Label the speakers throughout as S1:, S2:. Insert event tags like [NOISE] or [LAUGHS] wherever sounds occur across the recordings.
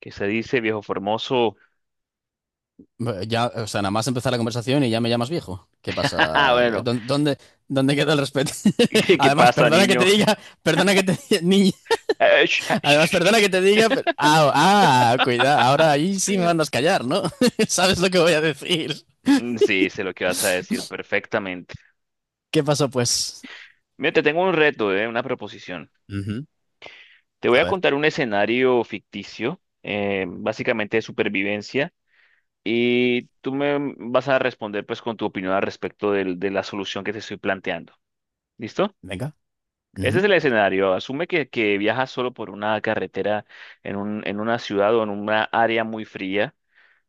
S1: ¿Qué se dice, viejo formoso?
S2: Ya, o sea, nada más empezar la conversación y ya me llamas viejo. ¿Qué
S1: [LAUGHS]
S2: pasa?
S1: Bueno,
S2: ¿Dónde queda el respeto? [LAUGHS]
S1: [LAUGHS] ¿qué
S2: Además,
S1: pasa,
S2: perdona que te
S1: niño?
S2: diga, perdona que te diga, [LAUGHS] niña,
S1: Sh- ah, sh-
S2: además,
S1: sh-
S2: perdona
S1: sh.
S2: que te diga, cuidado, ahora ahí sí me mandas callar, ¿no? [LAUGHS] ¿Sabes lo que voy a decir?
S1: Sí, sé lo que vas a decir perfectamente.
S2: ¿Qué pasó, pues?
S1: Mira, te tengo un reto, una proposición.
S2: Ujú.
S1: Te voy
S2: A
S1: a
S2: ver,
S1: contar un escenario ficticio, básicamente de supervivencia, y tú me vas a responder pues con tu opinión al respecto de la solución que te estoy planteando. ¿Listo?
S2: venga.
S1: Ese
S2: Ujú.
S1: es el escenario. Asume que viajas solo por una carretera en una ciudad o en una área muy fría,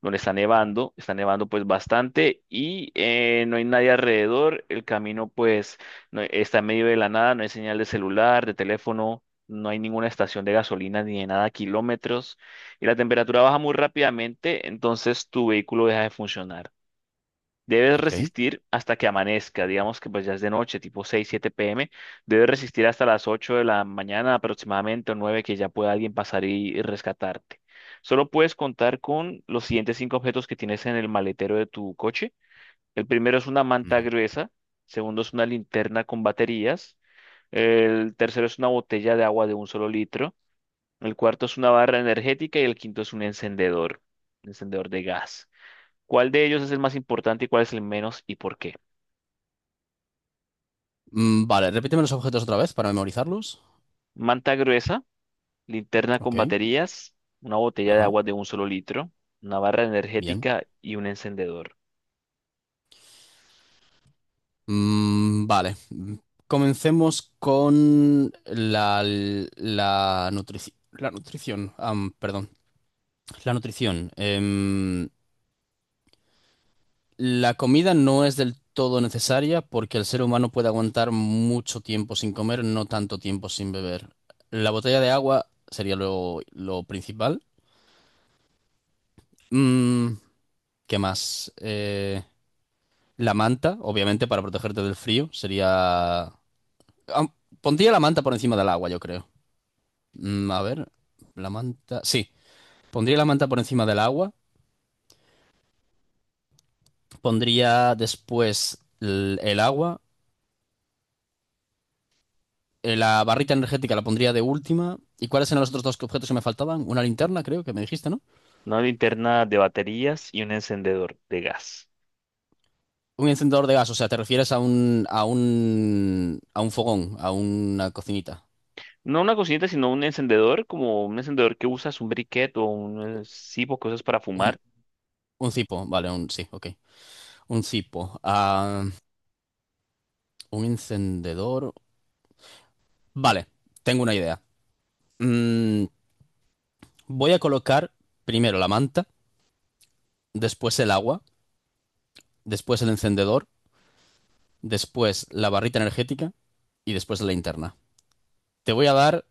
S1: donde está nevando pues bastante y no hay nadie alrededor. El camino pues está en medio de la nada, no hay señal de celular, de teléfono, no hay ninguna estación de gasolina ni de nada, kilómetros, y la temperatura baja muy rápidamente, entonces tu vehículo deja de funcionar. Debes
S2: Ok.
S1: resistir hasta que amanezca. Digamos que pues ya es de noche, tipo 6, 7 pm. Debes resistir hasta las 8 de la mañana aproximadamente, o nueve, que ya pueda alguien pasar y, rescatarte. Solo puedes contar con los siguientes 5 objetos que tienes en el maletero de tu coche. El primero es una manta
S2: Ujú.
S1: gruesa, segundo es una linterna con baterías, el tercero es una botella de agua de un solo litro, el cuarto es una barra energética y el quinto es un encendedor de gas. ¿Cuál de ellos es el más importante y cuál es el menos, y por qué?
S2: Vale, repíteme los objetos otra vez para memorizarlos.
S1: Manta gruesa, linterna con
S2: Ok.
S1: baterías, una botella de
S2: Ajá,
S1: agua de un solo litro, una barra
S2: bien.
S1: energética y un encendedor.
S2: Mm, vale. Comencemos con la nutrición. Perdón. La nutrición. La comida no es del todo necesaria porque el ser humano puede aguantar mucho tiempo sin comer, no tanto tiempo sin beber. La botella de agua sería lo principal. Mm, ¿qué más? La manta, obviamente, para protegerte del frío, sería. am, Pondría la manta por encima del agua, yo creo. Mm, a ver, la manta. Sí, pondría la manta por encima del agua. Pondría después el agua. La barrita energética la pondría de última. ¿Y cuáles eran los otros dos objetos que me faltaban? Una linterna, creo que me dijiste, ¿no?
S1: Una linterna de baterías y un encendedor de gas.
S2: Un encendedor de gas, o sea, te refieres a un, fogón, a una cocinita.
S1: No una cocineta, sino un encendedor, como un encendedor que usas, un briquet o un cipo que usas para
S2: Un,
S1: fumar.
S2: un cipo, vale, sí, ok. Un cipo. Un encendedor. Vale, tengo una idea. Mm, voy a colocar primero la manta, después el agua, después el encendedor, después la barrita energética y después la linterna. Te voy a dar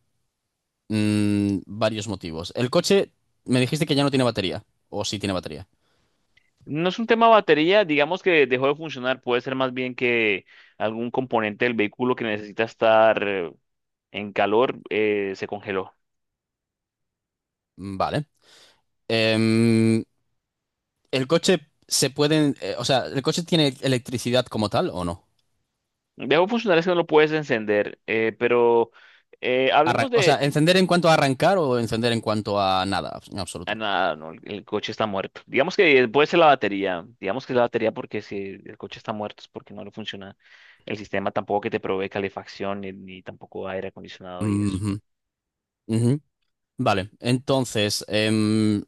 S2: varios motivos. El coche, me dijiste que ya no tiene batería, o sí tiene batería.
S1: No es un tema batería, digamos que dejó de funcionar. Puede ser más bien que algún componente del vehículo que necesita estar en calor se congeló.
S2: Mm, vale. Em, el coche se puede, o sea, ¿el coche tiene electricidad como tal o no?
S1: El viejo funcional es que no lo puedes encender, pero
S2: Arran-
S1: hablemos
S2: o sea,
S1: de...
S2: ¿encender en cuanto a arrancar o encender en cuanto a nada? En
S1: Ah,
S2: absoluto.
S1: nada, no, el coche está muerto. Digamos que puede ser la batería. Digamos que es la batería porque si el coche está muerto es porque no le funciona el sistema tampoco, que te provee calefacción ni, ni tampoco aire acondicionado y eso.
S2: Ujú, ujú. Vale, entonces,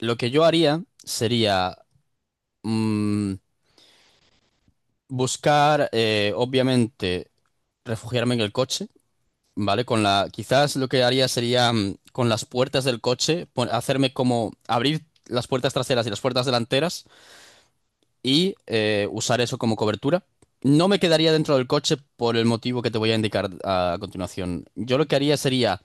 S2: lo que yo haría sería. mm, Buscar, obviamente, refugiarme en el coche, ¿vale? Quizás lo que haría sería, con las puertas del coche, hacerme como abrir las puertas traseras y las puertas delanteras y usar eso como cobertura. No me quedaría dentro del coche por el motivo que te voy a indicar a continuación. Yo lo que haría sería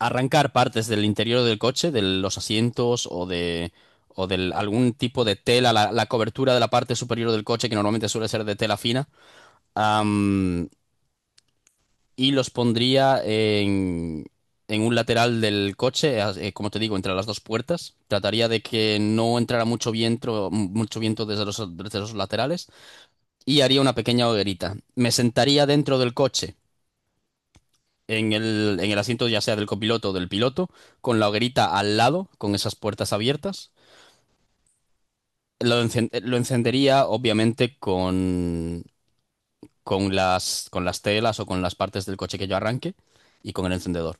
S2: arrancar partes del interior del coche, de los asientos o de algún tipo de tela, la cobertura de la parte superior del coche, que normalmente suele ser de tela fina, y los pondría en un lateral del coche, como te digo, entre las dos puertas. Trataría de que no entrara mucho viento desde los laterales, y haría una pequeña hoguerita. Me sentaría dentro del coche, en el asiento, ya sea del copiloto o del piloto, con la hoguerita al lado, con esas puertas abiertas. Lo encendería obviamente con las telas o con las partes del coche que yo arranque, y con el encendedor.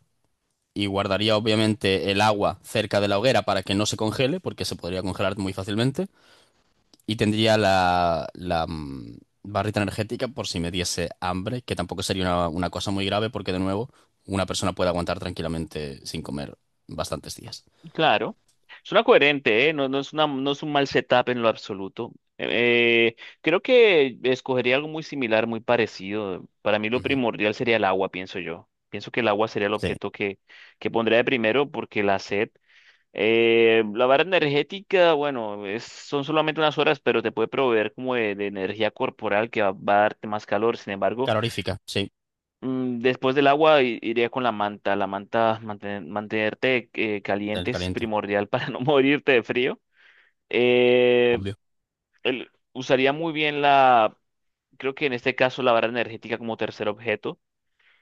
S2: Y guardaría obviamente el agua cerca de la hoguera para que no se congele, porque se podría congelar muy fácilmente, y tendría la barrita energética por si me diese hambre, que tampoco sería una cosa muy grave, porque de nuevo, una persona puede aguantar tranquilamente sin comer bastantes días.
S1: Claro, suena coherente, ¿eh? No, no es una, no es un mal setup en lo absoluto. Creo que escogería algo muy similar, muy parecido. Para mí lo
S2: Ujú.
S1: primordial sería el agua, pienso yo. Pienso que el agua sería el
S2: Sí.
S1: objeto que pondría de primero porque la sed, la barra energética, bueno, son solamente unas horas, pero te puede proveer como de energía corporal que va, va a darte más calor. Sin embargo,
S2: Calorífica, sí,
S1: Después del agua iría con la manta. La manta, mantenerte caliente
S2: del
S1: es
S2: caliente,
S1: primordial para [LAUGHS] no morirte de frío. Eh,
S2: obvio.
S1: Usaría muy bien la, creo que en este caso la barra energética como tercer objeto.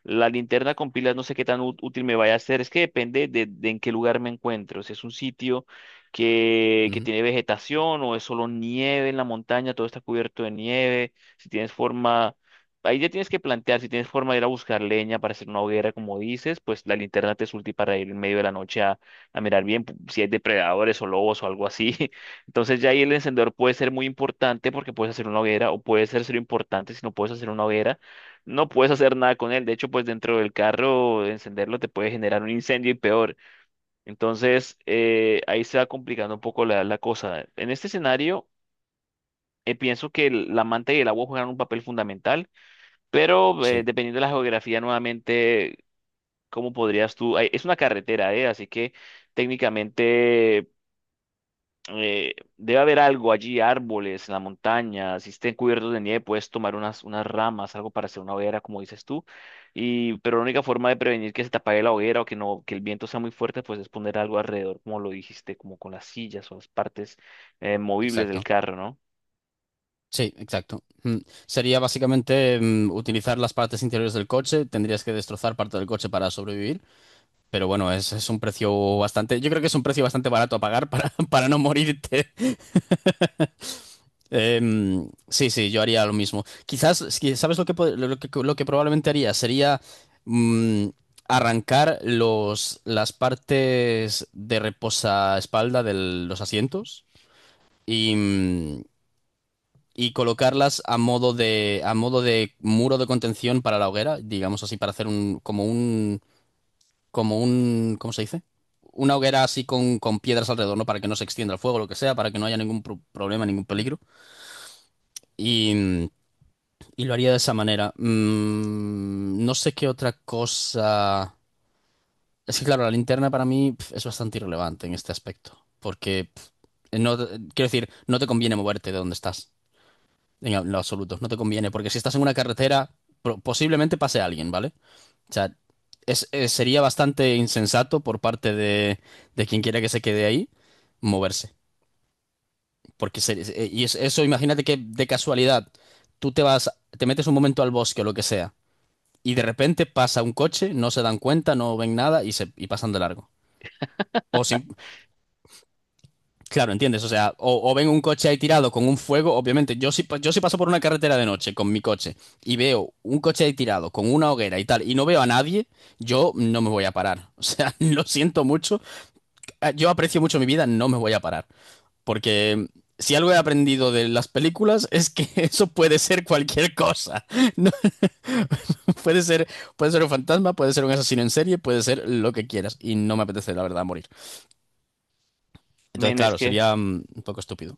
S1: La linterna con pilas no sé qué tan útil me vaya a ser. Es que depende de en qué lugar me encuentro. Si es un sitio que
S2: Ujú.
S1: tiene vegetación o es solo nieve en la montaña, todo está cubierto de nieve. Si tienes forma, ahí ya tienes que plantear, si tienes forma de ir a buscar leña para hacer una hoguera, como dices, pues la linterna te es útil para ir en medio de la noche a mirar bien si hay depredadores o lobos o algo así. [LAUGHS] Entonces ya ahí el encendedor puede ser muy importante porque puedes hacer una hoguera, o puede ser importante si no puedes hacer una hoguera, no puedes hacer nada con él. De hecho, pues dentro del carro, encenderlo te puede generar un incendio y peor. Entonces, ahí se va complicando un poco la, la cosa. En este escenario, pienso que la manta y el agua juegan un papel fundamental, pero
S2: Sí,
S1: dependiendo de la geografía, nuevamente, ¿cómo podrías tú? Ay, es una carretera, ¿eh? Así que técnicamente debe haber algo allí, árboles en la montaña, si estén cubiertos de nieve, puedes tomar unas, unas ramas, algo para hacer una hoguera, como dices tú, y, pero la única forma de prevenir que se te apague la hoguera o que no, que el viento sea muy fuerte, pues es poner algo alrededor, como lo dijiste, como con las sillas o las partes movibles del
S2: exacto.
S1: carro, ¿no?
S2: Sí, exacto. Mm. Sería básicamente, utilizar las partes interiores del coche. Tendrías que destrozar parte del coche para sobrevivir. Pero bueno, es un precio bastante. Yo creo que es un precio bastante barato a pagar para, [LAUGHS] para no morirte. Sí, sí, yo haría lo mismo. Quizás, es que, ¿sabes lo que, pod- lo que probablemente haría? Sería, mm, arrancar los, las partes de reposaespalda de los asientos y, mm, y colocarlas a modo de, muro de contención para la hoguera, digamos así, para hacer un, como un, ¿cómo se dice? Una hoguera así con piedras alrededor, ¿no? Para que no se extienda el fuego, lo que sea, para que no haya ningún problema, ningún peligro. Y, y lo haría de esa manera. No sé qué otra cosa. Es que, claro, la linterna para mí, es bastante irrelevante en este aspecto. Porque, no, quiero decir, no te conviene moverte de donde estás. En lo absoluto. No te conviene. Porque si estás en una carretera, posiblemente pase alguien, ¿vale? O sea, sería bastante insensato por parte de quien quiera que se quede ahí moverse. Porque y eso, imagínate que de casualidad tú te vas, te metes un momento al bosque o lo que sea, y de repente pasa un coche, no se dan cuenta, no ven nada y pasan de largo. O sin, claro, ¿entiendes? O sea, o ven un coche ahí tirado con un fuego. Obviamente, yo si paso por una carretera de noche con mi coche y veo un coche ahí tirado con una hoguera y tal, y no veo a nadie, yo no me voy a parar. [LAUGHS] O sea, lo siento mucho. Yo aprecio mucho mi vida, no me voy a parar. Porque si algo he aprendido de las películas es que [LAUGHS] eso puede ser cualquier cosa. [LAUGHS] No, puede ser un fantasma, puede ser un asesino en serie, puede ser lo que quieras. Y no me apetece, la verdad, morir. Entonces,
S1: Men, es
S2: claro,
S1: que
S2: sería, un poco estúpido.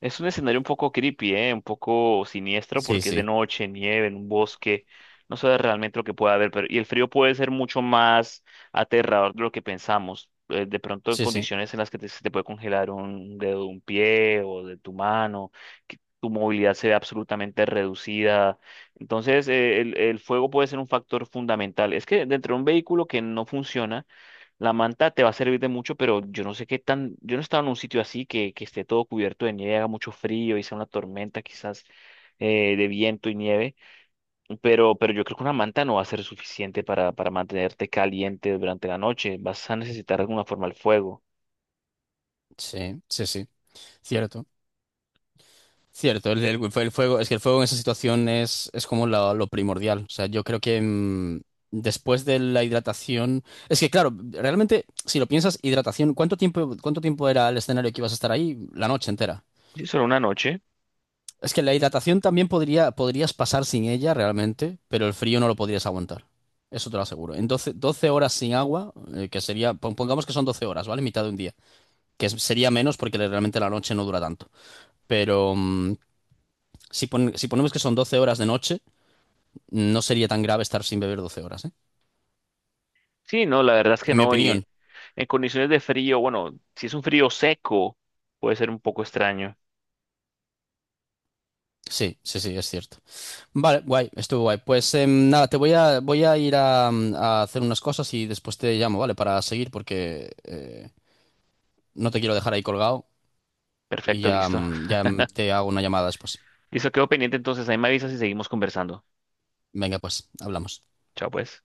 S1: es un escenario un poco creepy, ¿eh? Un poco siniestro
S2: Sí,
S1: porque es de
S2: sí,
S1: noche, nieve, en un bosque. No sabes realmente lo que puede haber, pero y el frío puede ser mucho más aterrador de lo que pensamos. De pronto en
S2: sí, sí,
S1: condiciones en las que te, se te puede congelar un dedo de un pie o de tu mano, que tu movilidad se ve absolutamente reducida. Entonces, el fuego puede ser un factor fundamental. Es que dentro de un vehículo que no funciona, la manta te va a servir de mucho, pero yo no sé qué tan, yo no he estado en un sitio así que esté todo cubierto de nieve, haga mucho frío y sea una tormenta quizás de viento y nieve, pero yo creo que una manta no va a ser suficiente para mantenerte caliente durante la noche. Vas a necesitar de alguna forma el fuego.
S2: sí. Cierto. Cierto, el fuego. Es que el fuego en esa situación es como lo primordial. O sea, yo creo que, después de la hidratación. Es que, claro, realmente, si lo piensas, hidratación, ¿cuánto tiempo era el escenario que ibas a estar ahí? La noche entera.
S1: ¿Sí, solo una noche?
S2: Es que la hidratación también podría, podrías pasar sin ella realmente, pero el frío no lo podrías aguantar. Eso te lo aseguro. En 12 12 horas sin agua, que sería, pongamos que son 12 horas, ¿vale? Mitad de un día. Que sería menos porque realmente la noche no dura tanto. Pero si ponemos que son 12 horas de noche, no sería tan grave estar sin beber 12 horas, ¿eh?
S1: Sí, no, la verdad es que
S2: En mi
S1: no, y
S2: opinión.
S1: en condiciones de frío, bueno, si es un frío seco, puede ser un poco extraño.
S2: Sí, sí, sí, es cierto. Vale, guay, estuvo guay. Pues nada, voy a ir a hacer unas cosas y después te llamo, ¿vale? Para seguir, porque no te quiero dejar ahí colgado, y
S1: Perfecto,
S2: ya,
S1: listo.
S2: mm, ya mm, te hago una llamada después.
S1: Listo, quedo pendiente entonces, ahí me avisas y seguimos conversando.
S2: Venga, pues, hablamos.
S1: Chao, pues.